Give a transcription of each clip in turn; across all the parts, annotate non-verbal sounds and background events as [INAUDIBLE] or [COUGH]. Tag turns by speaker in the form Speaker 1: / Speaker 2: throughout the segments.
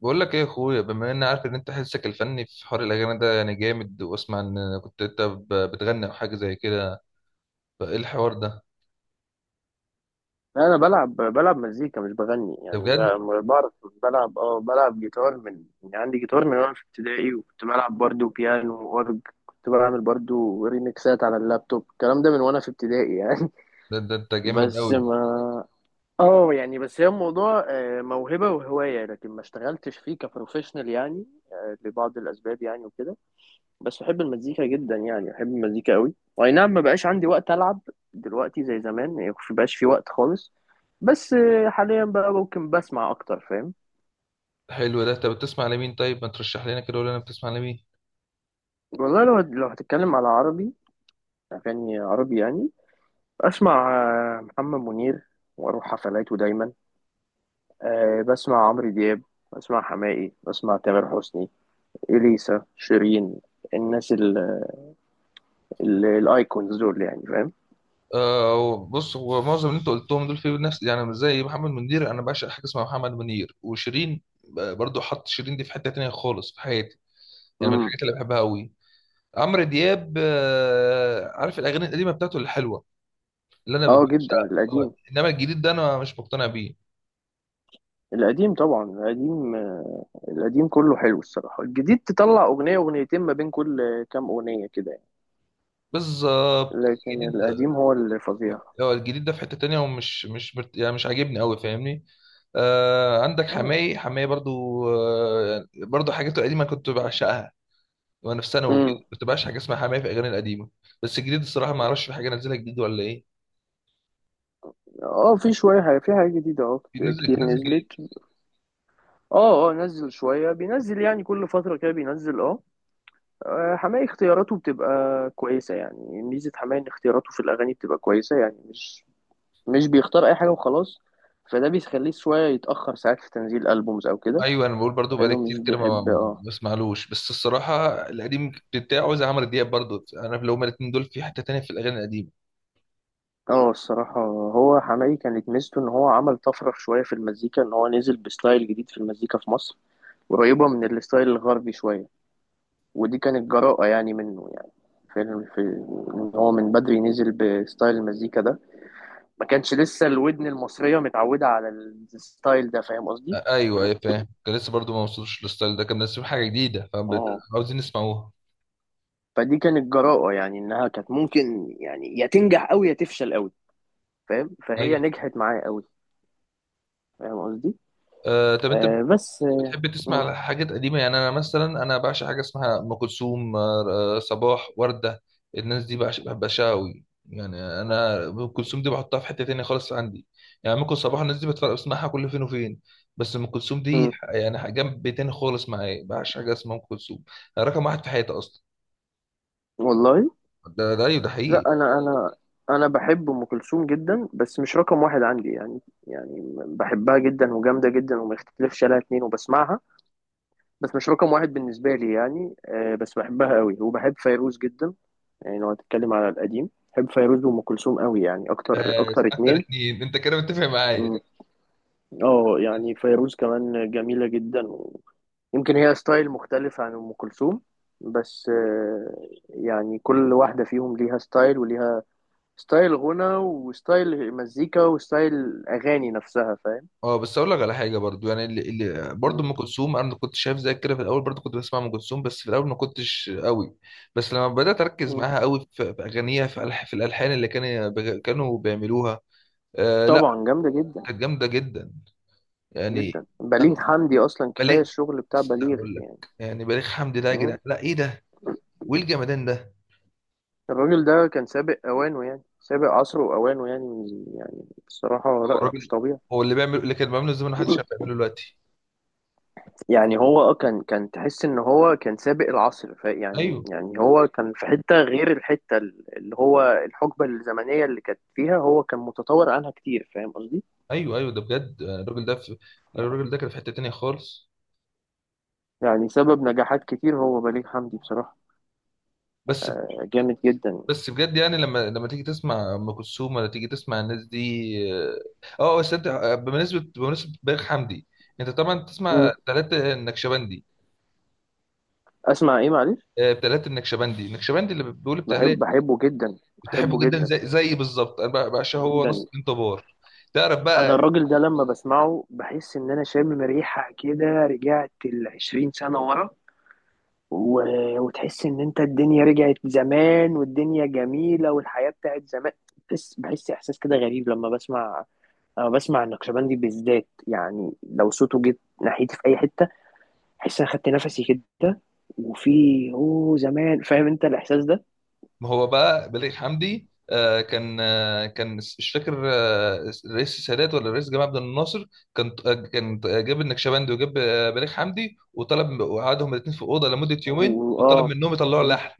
Speaker 1: بقول لك ايه يا اخويا، بما اني عارف ان انت حسك الفني في حوار الاغاني ده يعني جامد، واسمع ان كنت انت بتغني او حاجه زي كده، فايه الحوار ده؟
Speaker 2: لا، انا بلعب مزيكا مش بغني.
Speaker 1: ده
Speaker 2: يعني
Speaker 1: بجد؟
Speaker 2: بعرف بلعب. اه، بلعب جيتار من، يعني عندي جيتار من وانا في ابتدائي، وكنت بلعب برضو بيانو واورج. كنت بعمل برضو ريميكسات على اللابتوب، الكلام ده من وانا في ابتدائي يعني.
Speaker 1: ده انت
Speaker 2: [LAUGHS]
Speaker 1: جامد
Speaker 2: بس
Speaker 1: قوي.
Speaker 2: ما اه، يعني بس هي الموضوع موهبة وهواية، لكن ما اشتغلتش فيه كبروفيشنال يعني. لبعض الاسباب يعني وكده. بس بحب المزيكا جدا، يعني بحب المزيكا قوي، واي نعم ما بقاش عندي وقت العب دلوقتي زي زمان، يعني ما بقاش في وقت خالص. بس حاليا بقى ممكن بسمع اكتر، فاهم؟
Speaker 1: حلو، ده انت بتسمع لمين؟ طيب ما ترشح لنا كده، ولا انا بتسمع لمين؟
Speaker 2: والله لو هتتكلم على عربي، اغاني عربي يعني، بسمع محمد منير واروح حفلاته دايما. بسمع عمرو دياب، بسمع حماقي، بسمع تامر حسني، اليسا، شيرين، الناس الايكونز دول يعني، فاهم؟
Speaker 1: آه بص، هو معظم اللي انت قلتهم دول في نفس يعني، مش زي محمد منير. انا بعشق حاجه اسمها محمد منير، وشيرين برضو، حط شيرين دي في حته تانية خالص في حياتي. يعني من
Speaker 2: امم.
Speaker 1: الحاجات اللي بحبها قوي. عمرو دياب آه، عارف الاغاني القديمه بتاعته الحلوه اللي انا
Speaker 2: اه
Speaker 1: ببقاش.
Speaker 2: جدا،
Speaker 1: آه،
Speaker 2: القديم.
Speaker 1: انما الجديد ده انا مش مقتنع بيه.
Speaker 2: القديم طبعا، القديم. القديم كله حلو الصراحة. الجديد تطلع أغنية أغنيتين ما بين كل كام أغنية كده يعني.
Speaker 1: بالظبط
Speaker 2: لكن
Speaker 1: الجديد
Speaker 2: القديم
Speaker 1: ده.
Speaker 2: هو اللي فظيع.
Speaker 1: هو الجديد ده في حتة تانية، ومش مش مش- يعني مش عاجبني قوي، فاهمني؟ آه عندك
Speaker 2: اه.
Speaker 1: حماي، برضو. آه برضو حاجاته القديمة كنت بعشقها وانا في ثانوي وكده،
Speaker 2: امم.
Speaker 1: كنت بعشق حاجة اسمها حماي في الاغاني القديمة. بس الجديد الصراحة ما اعرفش في حاجة نازلها جديد ولا ايه.
Speaker 2: اه في شوية حاجة، في حاجة جديدة اه،
Speaker 1: في
Speaker 2: كتير
Speaker 1: نزل جديد.
Speaker 2: نزلت. اه اه، نزل شوية، بينزل يعني كل فترة كده بينزل اه. حماقي اختياراته بتبقى كويسة. يعني ميزة حماقي ان اختياراته في الأغاني بتبقى كويسة، يعني مش بيختار أي حاجة وخلاص. فده بيخليه شوية يتأخر ساعات في تنزيل ألبومز أو كده،
Speaker 1: ايوه انا بقول برضو، بقالي
Speaker 2: لأنه مش
Speaker 1: كتير كده ما
Speaker 2: بيحب. اه
Speaker 1: ما اسمعلوش، بس الصراحة القديم بتاعه زي عمرو دياب برضو، انا لو هما الاتنين دول في حتة تانية في الاغاني القديمة.
Speaker 2: اه، الصراحة هو حماقي كانت ميزته ان هو عمل طفرة شوية في المزيكا، ان هو نزل بستايل جديد في المزيكا في مصر، قريبة من الستايل الغربي شوية، ودي كانت جراءة يعني منه يعني. في, في ان هو من بدري نزل بستايل المزيكا ده، ما كانش لسه الودن المصرية متعودة على الستايل ده، فاهم قصدي؟
Speaker 1: ايوه فاهم، كان لسه برضو ما وصلوش للستايل ده، كان منزلين حاجه جديده
Speaker 2: اه،
Speaker 1: فعاوزين نسمعوها.
Speaker 2: فدي كانت جراءة يعني، انها كانت ممكن يعني يا تنجح قوي يا تفشل قوي، فاهم؟ فهي
Speaker 1: ايوه.
Speaker 2: نجحت معاه قوي، فاهم قصدي؟
Speaker 1: آه طب انت
Speaker 2: آه بس آه
Speaker 1: بتحب تسمع حاجات قديمه؟ يعني انا مثلا بعشق حاجه اسمها ام كلثوم، آه صباح، ورده، الناس دي بعشقها قوي يعني. انا ام كلثوم دي بحطها في حته تانية خالص عندي، يعني ممكن صباح الناس دي بتفرق بسمعها كل فين وفين، بس ام كلثوم دي
Speaker 2: م-
Speaker 1: يعني جنب تاني خالص معايا، بعشق حاجه اسمها ام كلثوم. رقم واحد في حياتي اصلا.
Speaker 2: والله.
Speaker 1: ده ايوه ده
Speaker 2: لا،
Speaker 1: حقيقي.
Speaker 2: انا انا بحب ام كلثوم جدا، بس مش رقم واحد عندي يعني. يعني بحبها جدا وجامده جدا وما يختلفش عليها اتنين، وبسمعها، بس مش رقم واحد بالنسبه لي يعني. بس بحبها قوي، وبحب فيروز جدا. يعني لو هتتكلم على القديم، بحب فيروز وام كلثوم قوي، يعني اكتر
Speaker 1: بس
Speaker 2: اكتر
Speaker 1: اكتر
Speaker 2: اتنين.
Speaker 1: اتنين انت كده متفق معايا.
Speaker 2: مم. اه يعني فيروز كمان جميله جدا، ويمكن هي ستايل مختلف عن ام كلثوم، بس يعني كل واحده فيهم ليها ستايل، وليها ستايل غنى وستايل مزيكا وستايل اغاني نفسها، فاهم؟
Speaker 1: اه بس اقول لك على حاجه برضو يعني، اللي برضو
Speaker 2: مم.
Speaker 1: ام كلثوم، انا كنت شايف زي كده في الاول برضو، كنت بسمع ام كلثوم بس في الاول ما كنتش قوي. بس لما بدات اركز
Speaker 2: مم.
Speaker 1: معاها قوي في اغانيها، في ألح في الالحان اللي كانوا بيعملوها. آه لا،
Speaker 2: طبعا جامده جدا.
Speaker 1: كانت جامده جدا يعني.
Speaker 2: جدا، بليغ
Speaker 1: أه،
Speaker 2: حمدي اصلا كفايه
Speaker 1: بليغ.
Speaker 2: الشغل بتاع
Speaker 1: لسه
Speaker 2: بليغ
Speaker 1: هقول لك،
Speaker 2: يعني.
Speaker 1: يعني بليغ حمدي ده يا
Speaker 2: مم.
Speaker 1: جدعان، لا ايه ده وايه الجمدان ده؟
Speaker 2: الراجل ده كان سابق اوانه، يعني سابق عصره واوانه، يعني يعني بصراحه، لا
Speaker 1: هو
Speaker 2: لا مش
Speaker 1: الراجل
Speaker 2: طبيعي.
Speaker 1: هو اللي بيعمل، اللي كان بيعمله زمان محدش عارف يعمله دلوقتي.
Speaker 2: يعني هو اه، كان تحس ان هو كان سابق العصر، ف يعني
Speaker 1: ايوه
Speaker 2: يعني هو كان في حته غير الحته اللي هو الحقبه الزمنيه اللي كانت فيها، هو كان متطور عنها كتير، فاهم قصدي؟
Speaker 1: ايوه ده بجد. آه، الراجل ده في، الراجل ده كان في حته تانيه خالص.
Speaker 2: يعني سبب نجاحات كتير هو بليغ حمدي بصراحة.
Speaker 1: بس
Speaker 2: جامد جدا.
Speaker 1: بس بجد يعني، لما لما تيجي تسمع ام كلثوم ولا تيجي تسمع الناس دي. اه. آه، بس انت آه، بمناسبه بليغ حمدي، انت طبعا
Speaker 2: مم.
Speaker 1: تسمع تلاتة النكشبندي؟
Speaker 2: أسمع إيه معلش؟
Speaker 1: آه، تلاتة النكشبندي النكشبندي اللي بيقول بتاع ليه؟
Speaker 2: بحب، بحبه جدا.
Speaker 1: بتحبه
Speaker 2: بحبه
Speaker 1: جدا
Speaker 2: جدا
Speaker 1: زي بالظبط انا بعشقه، هو نص
Speaker 2: جدا.
Speaker 1: الدين طبار. تعرف
Speaker 2: أنا
Speaker 1: بقى،
Speaker 2: الراجل ده لما بسمعه بحس إن أنا شامم ريحة كده، رجعت العشرين سنة ورا، و... وتحس إن أنت الدنيا رجعت زمان، والدنيا جميلة، والحياة بتاعت زمان. بحس، بحس إحساس كده غريب لما بسمع، لما بسمع النقشبندي بالذات. يعني لو صوته جه ناحيتي في أي حتة، احس انا خدت نفسي كده، وفي اوه زمان، فاهم انت الاحساس ده؟
Speaker 1: ما هو بقى بليغ حمدي آه، كان مش فاكر آه، الرئيس السادات ولا الرئيس جمال عبد الناصر، كان آه، جاب النكشبندي وجاب آه، بليغ حمدي، وطلب وقعدهم الاثنين في اوضه لمده يومين وطلب
Speaker 2: واه،
Speaker 1: منهم يطلعوا اللحن.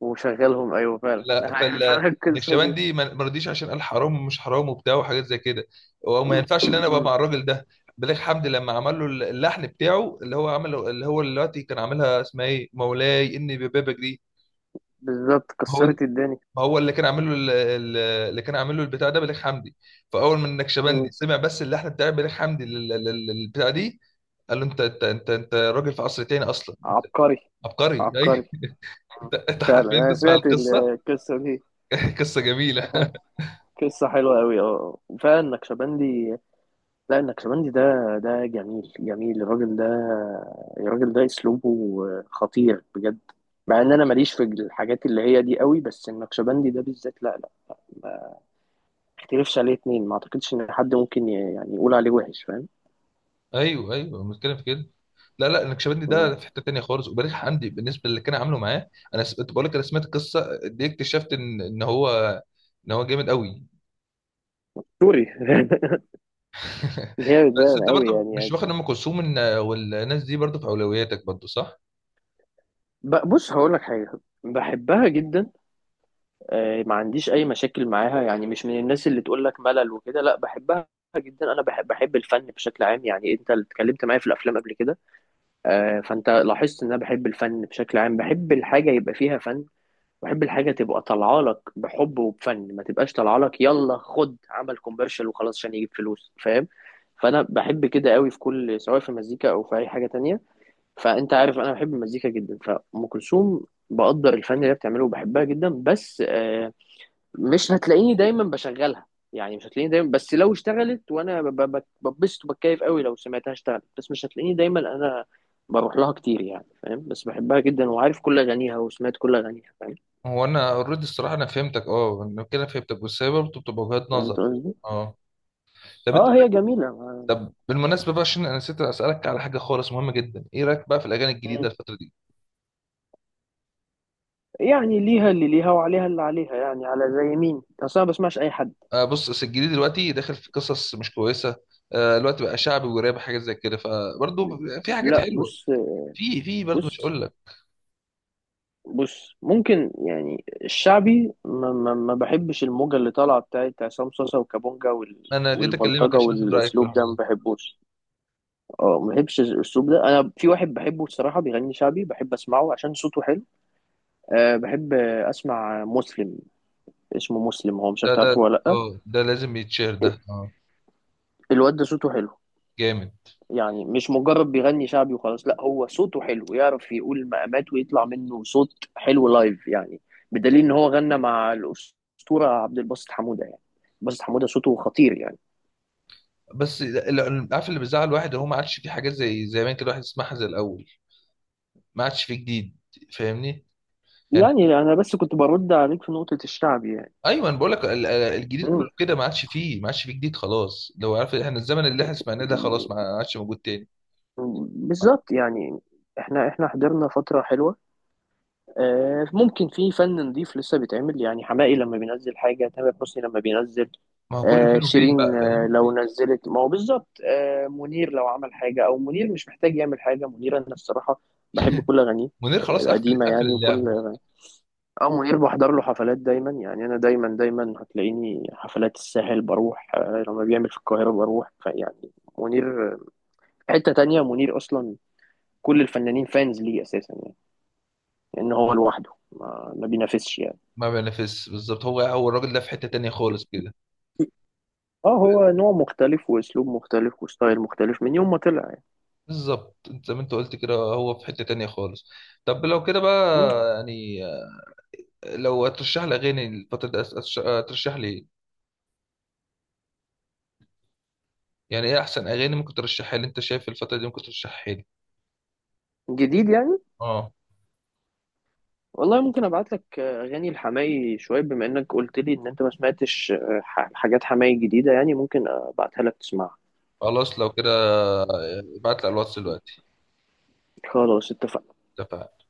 Speaker 2: وشغلهم ايوه فعلا. [LAUGHS]
Speaker 1: فال-
Speaker 2: عارف انا القصه دي.
Speaker 1: فالنكشبندي ما رضيش عشان قال حرام ومش حرام وبتاع وحاجات زي كده، وما ينفعش ان انا ابقى مع
Speaker 2: [COUGHS]
Speaker 1: الراجل ده. بليغ حمدي لما عمل له اللحن بتاعه اللي هو عمله، اللي هو دلوقتي كان عاملها اسمها ايه، مولاي اني ببابك دي.
Speaker 2: بالظبط،
Speaker 1: هو
Speaker 2: كسرت الدنيا.
Speaker 1: ما هو اللي كان عامل له اللي كان عامل له البتاع ده بليغ حمدي. فاول ما النكشبندي
Speaker 2: مم.
Speaker 1: سمع بس اللحن بتاع بليغ حمدي للبتاع دي، قال له انت راجل في عصر تاني اصلا.
Speaker 2: عبقري.
Speaker 1: عبقري [LAUGHS]
Speaker 2: عبقري.
Speaker 1: اي.
Speaker 2: مم.
Speaker 1: انت
Speaker 2: فعلا
Speaker 1: حرفيا
Speaker 2: انا
Speaker 1: تسمع
Speaker 2: سمعت
Speaker 1: القصه.
Speaker 2: القصه دي.
Speaker 1: [LAUGHS] قصه جميله.
Speaker 2: أها. قصه حلوه قوي، اه فعلا النكشبندي. لا، النكشبندي ده، ده جميل جميل الراجل ده. الراجل ده اسلوبه خطير بجد. مع ان انا ماليش في الحاجات اللي هي دي قوي، بس النكشبندي ده بالذات لا لا. ما اختلفش عليه اتنين، ما اعتقدش ان حد ممكن يعني يقول عليه وحش، فاهم؟
Speaker 1: ايوه المشكله في كده. لا النكشبندي
Speaker 2: مم.
Speaker 1: ده في حته تانيه خالص، وبليغ حمدي بالنسبه للي كان عامله معاه. كنت بقول لك انا سمعت القصه دي، اكتشفت ان هو هو جامد قوي.
Speaker 2: سوري.
Speaker 1: [LAUGHS]
Speaker 2: [LAUGHS] جامد
Speaker 1: بس
Speaker 2: ده
Speaker 1: انت
Speaker 2: قوي،
Speaker 1: برضه
Speaker 2: يعني
Speaker 1: مش
Speaker 2: يعني
Speaker 1: واخد ام كلثوم والناس دي برضه في اولوياتك برضه صح؟
Speaker 2: بص هقول لك حاجه. بحبها جدا. ما عنديش اي مشاكل معاها، يعني مش من الناس اللي تقول لك ملل وكده، لا بحبها جدا. انا بحب، بحب الفن بشكل عام. يعني انت اللي اتكلمت معايا في الافلام قبل كده، فانت لاحظت ان انا بحب الفن بشكل عام، بحب الحاجه يبقى فيها فن، بحب الحاجه تبقى طالعه لك بحب وبفن، ما تبقاش طالعه لك يلا خد عمل كوميرشال وخلاص عشان يجيب فلوس، فاهم؟ فانا بحب كده قوي في كل، سواء في مزيكا او في اي حاجه تانية. فانت عارف انا بحب المزيكا جدا. فام كلثوم بقدر الفن اللي هي بتعمله، وبحبها جدا، بس مش هتلاقيني دايما بشغلها. يعني مش هتلاقيني دايما، بس لو اشتغلت وانا ببسط وبتكيف قوي لو سمعتها اشتغلت، بس مش هتلاقيني دايما انا بروح لها كتير يعني، فاهم؟ بس بحبها جدا، وعارف كل اغانيها، وسمعت كل اغانيها، فاهم؟
Speaker 1: هو انا اوريدي الصراحه انا فهمتك، اه انا كده فهمتك، بس هي برضه بتبقى وجهات
Speaker 2: فهمت
Speaker 1: نظر.
Speaker 2: قصدي.
Speaker 1: اه طب انت،
Speaker 2: اه هي جميله
Speaker 1: طب بالمناسبه بقى، عشان انا نسيت اسالك على حاجه خالص مهمه جدا، ايه رايك بقى في الاغاني الجديده
Speaker 2: مم.
Speaker 1: الفتره دي؟
Speaker 2: يعني ليها اللي ليها وعليها اللي عليها، يعني على زي مين؟ اصلا ما بسمعش اي حد.
Speaker 1: آه بص، أصل الجديد دلوقتي داخل في قصص مش كويسه. آه دلوقتي بقى شعبي وراب حاجات زي كده، فبرضه في حاجات
Speaker 2: لا
Speaker 1: حلوه،
Speaker 2: بص،
Speaker 1: في برضه مش
Speaker 2: بص
Speaker 1: هقول لك.
Speaker 2: بص ممكن يعني الشعبي ما بحبش الموجة اللي طالعة بتاعت عصام صاصا وكابونجا وال...
Speaker 1: انا جيت اكلمك
Speaker 2: والبلطجة
Speaker 1: عشان اخد رايك في
Speaker 2: والأسلوب
Speaker 1: الحوار.
Speaker 2: ده ما بحبوش. اه ما بحبش الأسلوب ده. أنا في واحد بحبه الصراحة بيغني شعبي، بحب أسمعه عشان صوته حلو. أه بحب أسمع مسلم. اسمه مسلم، هو مش
Speaker 1: ده
Speaker 2: عارف
Speaker 1: ده
Speaker 2: تعرفه ولا لأ.
Speaker 1: اه ده لازم يتشير، ده اه
Speaker 2: الواد ده صوته حلو،
Speaker 1: جامد.
Speaker 2: يعني مش مجرد بيغني شعبي وخلاص، لا هو صوته حلو، يعرف يقول مقامات ويطلع منه صوت حلو لايف يعني. بدليل ان هو غنى مع الأسطورة عبد الباسط حمودة يعني. باسط حمودة صوته خطير يعني.
Speaker 1: بس عارف اللي بيزعل الواحد، هو ما عادش في حاجات زي زمان كده الواحد يسمعها زي الاول، ما عادش في جديد. فاهمني يعني؟
Speaker 2: يعني انا بس كنت برد عليك في نقطة الشعبي يعني.
Speaker 1: ايوه انا بقول لك الجديد كله
Speaker 2: مم.
Speaker 1: كده ما عادش فيه، ما عادش فيه جديد خلاص. لو عارف احنا الزمن اللي احنا سمعناه ده خلاص ما عادش موجود تاني. ما
Speaker 2: بالظبط يعني. احنا، احنا حضرنا فترة حلوة. ممكن في فن نضيف لسه بيتعمل، يعني حماقي لما بينزل حاجة، تامر حسني لما بينزل،
Speaker 1: ما هو كله فين وفين
Speaker 2: شيرين
Speaker 1: بقى، فاهم.
Speaker 2: لو نزلت، ما هو بالظبط. منير لو عمل حاجة، أو منير مش محتاج يعمل حاجة. منير أنا الصراحة بحب كل أغانيه.
Speaker 1: منير خلاص قفل،
Speaker 2: القديمة يعني
Speaker 1: اللعب.
Speaker 2: وكل أغانيه. أو منير بحضر له حفلات دايما، يعني أنا دايما دايما هتلاقيني حفلات الساحل بروح، لما بيعمل في القاهرة بروح، فيعني منير حتة تانية منير أصلا. كل الفنانين فانز ليه أساسا يعني، لأن هو لوحده ما بينافسش يعني.
Speaker 1: ما بينافسش بالظبط، هو الراجل ده في حتة تانية خالص كده.
Speaker 2: اه هو نوع مختلف، واسلوب مختلف، وستايل مختلف من يوم ما طلع يعني.
Speaker 1: بالظبط انت زي ما انت قلت كده، هو في حتة تانية خالص. طب لو كده
Speaker 2: مم.
Speaker 1: بقى يعني، لو هترشح لي اغاني الفترة دي هترشح لي إيه؟ يعني ايه احسن اغاني ممكن ترشحها لي انت شايف الفتره دي ممكن ترشحها لي؟
Speaker 2: جديد يعني؟
Speaker 1: اه.
Speaker 2: والله ممكن ابعت لك اغاني الحماقي شويه، بما انك قلت لي ان انت ما سمعتش حاجات حماقي جديده يعني، ممكن ابعتها لك تسمعها.
Speaker 1: خلاص لو كده آه، ابعت لي على الواتس دلوقتي.
Speaker 2: خلاص اتفقنا.
Speaker 1: اتفقنا.